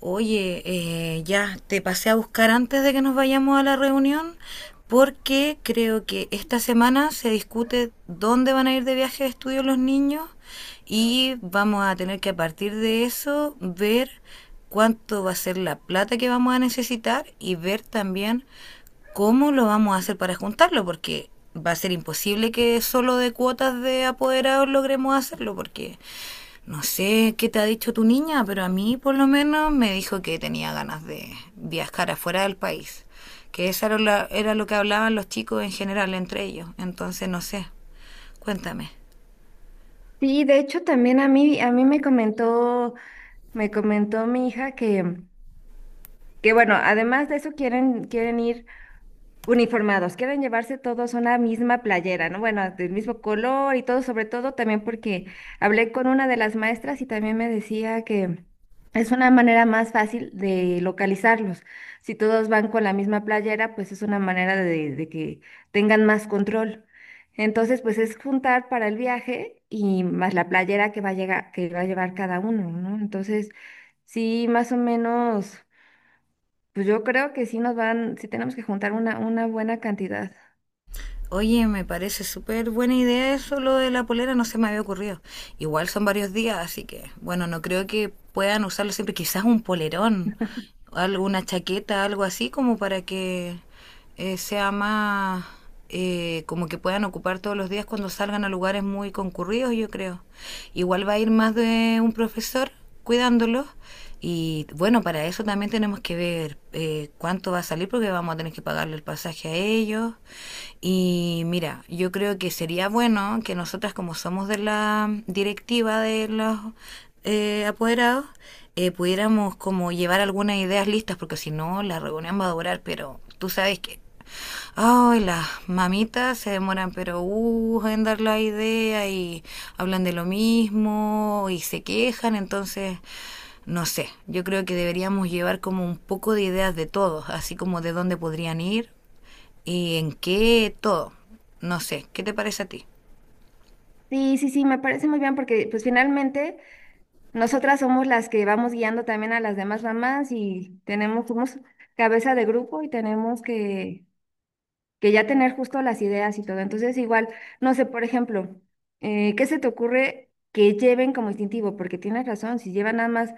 Oye, ya te pasé a buscar antes de que nos vayamos a la reunión, porque creo que esta semana se discute dónde van a ir de viaje de estudio los niños, y vamos a tener que a partir de eso ver cuánto va a ser la plata que vamos a necesitar y ver también cómo lo vamos a hacer para juntarlo, porque va a ser imposible que solo de cuotas de apoderados logremos hacerlo, porque no sé qué te ha dicho tu niña, pero a mí por lo menos me dijo que tenía ganas de viajar afuera del país, que eso era era lo que hablaban los chicos en general entre ellos, entonces no sé. Cuéntame. Sí, de hecho también a mí me comentó mi hija que bueno, además de eso quieren, quieren ir uniformados, quieren llevarse todos una misma playera, ¿no? Bueno, del mismo color y todo, sobre todo también porque hablé con una de las maestras y también me decía que es una manera más fácil de localizarlos. Si todos van con la misma playera, pues es una manera de que tengan más control. Entonces, pues es juntar para el viaje y más la playera que va a llegar, que va a llevar cada uno, ¿no? Entonces, sí, más o menos, pues yo creo que sí nos van, sí tenemos que juntar una buena cantidad. Oye, me parece súper buena idea eso, lo de la polera, no se me había ocurrido. Igual son varios días, así que, bueno, no creo que puedan usarlo siempre. Quizás un polerón, alguna chaqueta, algo así, como para que sea más, como que puedan ocupar todos los días cuando salgan a lugares muy concurridos, yo creo. Igual va a ir más de un profesor, cuidándolos. Y bueno, para eso también tenemos que ver cuánto va a salir, porque vamos a tener que pagarle el pasaje a ellos. Y mira, yo creo que sería bueno que nosotras, como somos de la directiva de los apoderados, pudiéramos como llevar algunas ideas listas, porque si no la reunión va a durar, pero tú sabes que ay, las mamitas se demoran, pero en dar la idea y hablan de lo mismo y se quejan, entonces, no sé, yo creo que deberíamos llevar como un poco de ideas de todos, así como de dónde podrían ir y en qué todo. No sé, ¿qué te parece a ti? Sí, sí, sí, me parece muy bien porque pues finalmente nosotras somos las que vamos guiando también a las demás mamás y tenemos, somos cabeza de grupo y tenemos que ya tener justo las ideas y todo. Entonces igual, no sé, por ejemplo, ¿qué se te ocurre que lleven como instintivo? Porque tienes razón, si llevan nada más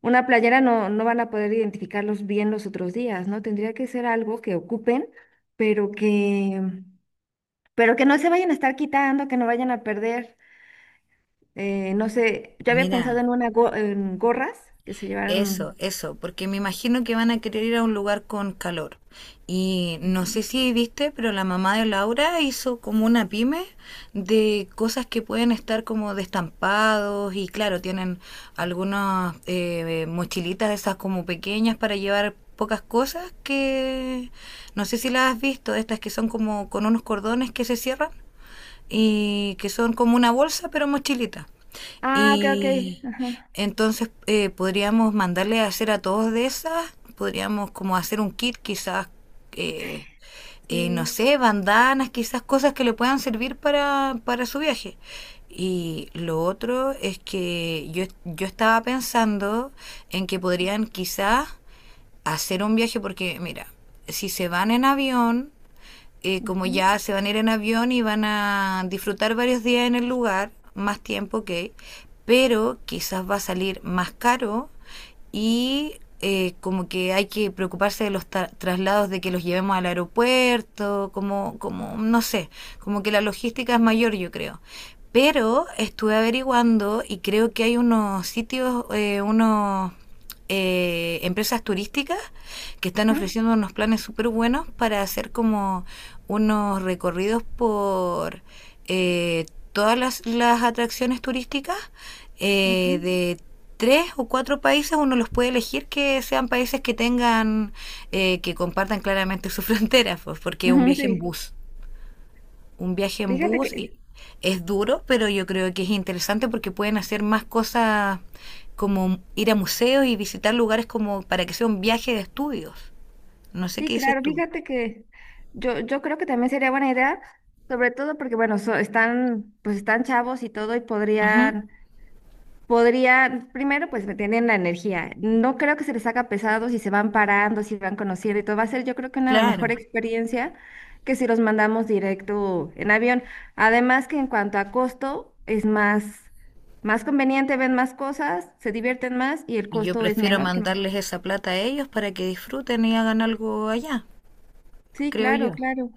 una playera no, no van a poder identificarlos bien los otros días, ¿no? Tendría que ser algo que ocupen, pero que, pero que no se vayan a estar quitando, que no vayan a perder. No sé, yo había pensado Mira, en una en gorras que se Eso, llevaron. eso, porque me imagino que van a querer ir a un lugar con calor. Y no Ujú. sé si viste, pero la mamá de Laura hizo como una pyme de cosas que pueden estar como de estampados y claro, tienen algunas mochilitas de esas como pequeñas para llevar pocas cosas, que no sé si las has visto, estas que son como con unos cordones que se cierran y que son como una bolsa pero mochilita. Ah, ok, ok. Y Ajá, entonces podríamos mandarle a hacer a todos de esas, podríamos como hacer un kit quizás, eh, no sí. sé, bandanas, quizás cosas que le puedan servir para su viaje. Y lo otro es que yo estaba pensando en que podrían quizás hacer un viaje porque, mira, si se van en avión, como Ujú, ya se van a ir en avión y van a disfrutar varios días en el lugar, más tiempo que, pero quizás va a salir más caro y como que hay que preocuparse de los traslados, de que los llevemos al aeropuerto, como, como, no sé, como que la logística es mayor, yo creo. Pero estuve averiguando y creo que hay unos sitios, unos empresas turísticas que están ajá, ofreciendo unos planes súper buenos para hacer como unos recorridos por eh, todas las atracciones turísticas ujú, de tres o cuatro países, uno los puede elegir que sean países que tengan, que compartan claramente sus fronteras, pues, porque es un ujú, viaje en sí. bus, un viaje en Fíjate bus que, y- es duro, pero yo creo que es interesante porque pueden hacer más cosas como ir a museos y visitar lugares como para que sea un viaje de estudios. No sé sí, qué dices claro, tú. fíjate que yo creo que también sería buena idea, sobre todo porque, bueno, están, pues están chavos y todo, y Ujú, podrían podría, primero, pues me tienen la energía. No creo que se les haga pesado si se van parando, si van conociendo y todo. Va a ser, yo creo que una mejor claro. experiencia que si los mandamos directo en avión. Además que en cuanto a costo, es más, más conveniente, ven más cosas, se divierten más y el Y yo costo es prefiero menor que... mandarles esa plata a ellos para que disfruten y hagan algo allá, Sí, creo claro, yo. claro.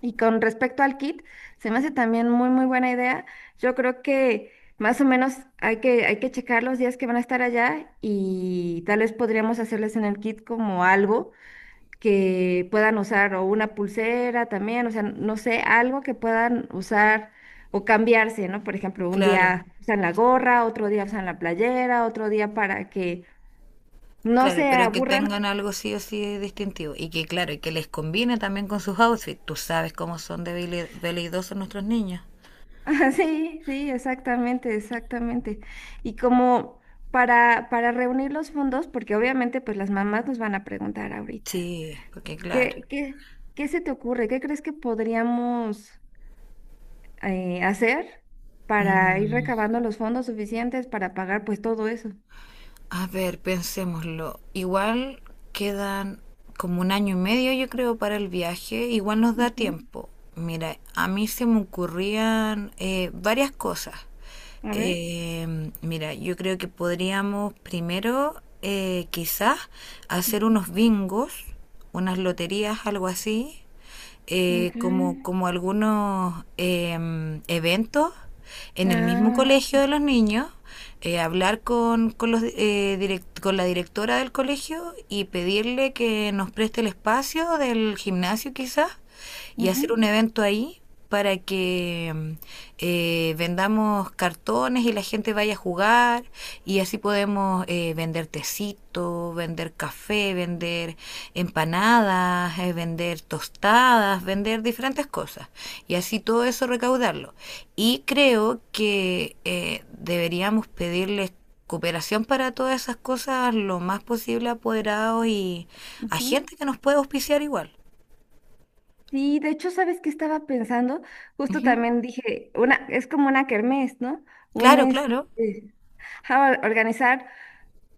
Y con respecto al kit, se me hace también muy, muy buena idea. Yo creo que más o menos hay hay que checar los días que van a estar allá y tal vez podríamos hacerles en el kit como algo que puedan usar o una pulsera también, o sea, no sé, algo que puedan usar o cambiarse, ¿no? Por ejemplo, un Claro, día usan la gorra, otro día usan la playera, otro día para que no claro, se pero que aburran. tengan algo sí o sí distintivo. Y que, claro, y que les combine también con sus outfits. Tú sabes cómo son de veleidosos nuestros niños. Ajá, sí, sí, exactamente, exactamente. Y como para reunir los fondos, porque obviamente pues las mamás nos van a preguntar ahorita, Sí, porque claro. ¿ qué se te ocurre? ¿Qué crees que podríamos hacer para ir Mm. recabando los fondos suficientes para pagar pues todo eso? A ver, pensémoslo. Igual quedan como un año y medio, yo creo, para el viaje. Igual nos da Ujú. tiempo. Mira, a mí se me ocurrían varias cosas. A ver. Mira, yo creo que podríamos primero, quizás, hacer Ujú, unos bingos, unas loterías, algo así, ok. como, como algunos eventos en el mismo Ah, colegio sí. de los niños, hablar con los, con la directora del colegio y pedirle que nos preste el espacio del gimnasio quizás, y hacer un Ujú, evento ahí para que vendamos cartones y la gente vaya a jugar, y así podemos vender tecito, vender café, vender empanadas, vender tostadas, vender diferentes cosas y así todo eso recaudarlo. Y creo que deberíamos pedirles cooperación para todas esas cosas lo más posible a apoderados y a ujú. gente que nos pueda auspiciar igual. Sí, de hecho, ¿sabes qué estaba pensando? Justo Ujú. también dije, una, es como una kermés, ¿no? Un Claro, claro, este, ajá, organizar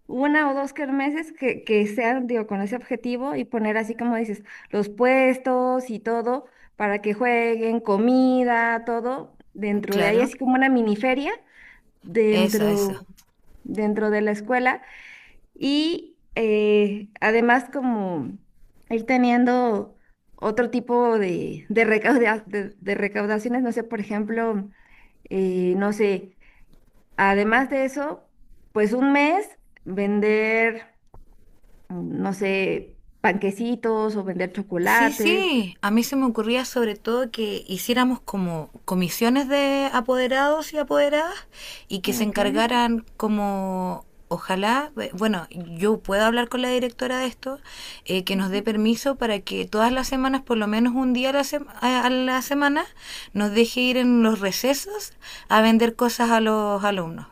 una o dos kermeses que sean, digo, con ese objetivo y poner así como dices, los puestos y todo para que jueguen, comida, todo, dentro de ahí, claro. así como una mini feria Esa, esa. dentro, dentro de la escuela y además como ir teniendo otro tipo de recauda- de recaudaciones, no sé, por ejemplo, no sé, además de eso, pues un mes vender, no sé, panquecitos o vender Sí, chocolates. sí, a mí se me ocurría sobre todo que hiciéramos como comisiones de apoderados y apoderadas y que se Ok. encargaran como, ojalá, bueno, yo puedo hablar con la directora de esto, que nos dé Ujú, permiso para que todas las semanas, por lo menos un día a a la semana, nos deje ir en los recesos a vender cosas a los alumnos.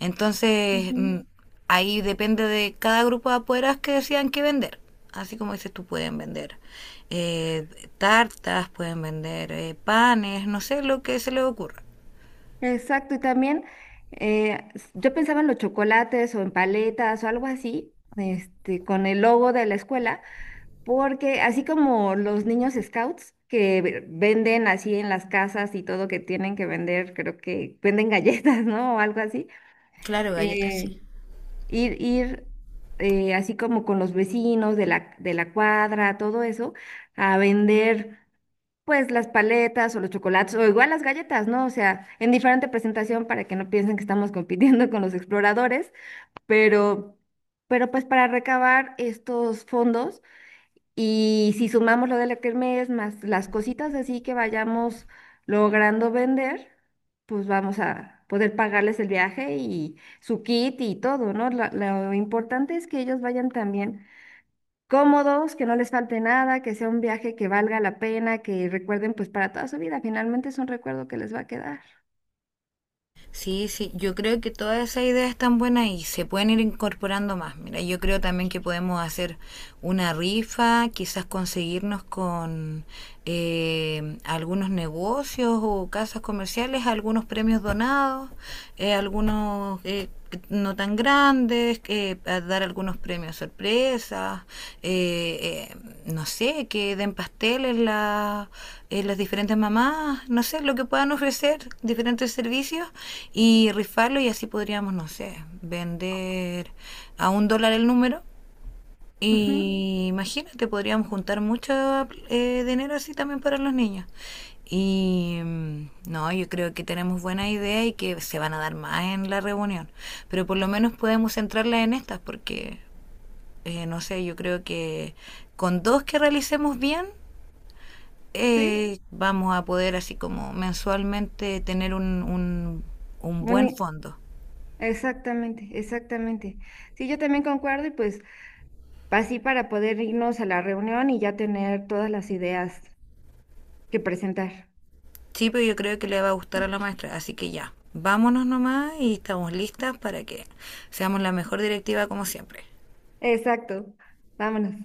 Entonces, mm, ujú. ahí depende de cada grupo de apoderados que decidan qué vender. Así como dices tú, pueden vender eh, tartas, pueden vender panes, no sé lo que se les ocurra. Exacto, y también yo pensaba en los chocolates o en paletas o algo así, este, con el logo de la escuela. Porque así como los niños scouts que venden así en las casas y todo que tienen que vender, creo que venden galletas, ¿no? O algo así. Claro, galletas sí. eh, ir así como con los vecinos de de la cuadra, todo eso, a vender pues las paletas o los chocolates o igual las galletas, ¿no? O sea, en diferente presentación para que no piensen que estamos compitiendo con los exploradores, pero, pero pues para recabar estos fondos y si sumamos lo de la kermés más las cositas así que vayamos logrando vender, pues vamos a poder pagarles el viaje y su kit y todo, ¿no? Lo importante es que ellos vayan también cómodos, que no les falte nada, que sea un viaje que valga la pena, que recuerden pues para toda su vida. Finalmente es un recuerdo que les va a quedar. Sí, sí, yo creo que todas esas ideas están buenas y se pueden ir incorporando más. Mira, yo creo también que podemos hacer una rifa, quizás conseguirnos con algunos negocios o casas comerciales, algunos premios donados, algunos… que no tan grandes, dar algunos premios sorpresa, eh, eh, no sé, que den pasteles las diferentes mamás, no sé, lo que puedan ofrecer, diferentes servicios, y rifarlo, y así podríamos, no sé, vender a un dólar el número, Ujú, y imagínate, podríamos juntar mucho dinero así también para los niños. Y mm, no, yo creo que tenemos buena idea y que se van a dar más en la reunión. Pero por lo menos podemos centrarla en estas porque, no sé, yo creo que con dos que realicemos bien, sí, vamos a poder así como mensualmente tener un buen Boni- fondo. exactamente, exactamente. Sí, yo también concuerdo y pues así para poder irnos a la reunión y ya tener todas las ideas que presentar. Sí, pero yo creo que le va a gustar a la maestra, así que ya, vámonos nomás y estamos listas para que seamos la mejor directiva como siempre. Exacto. Vámonos.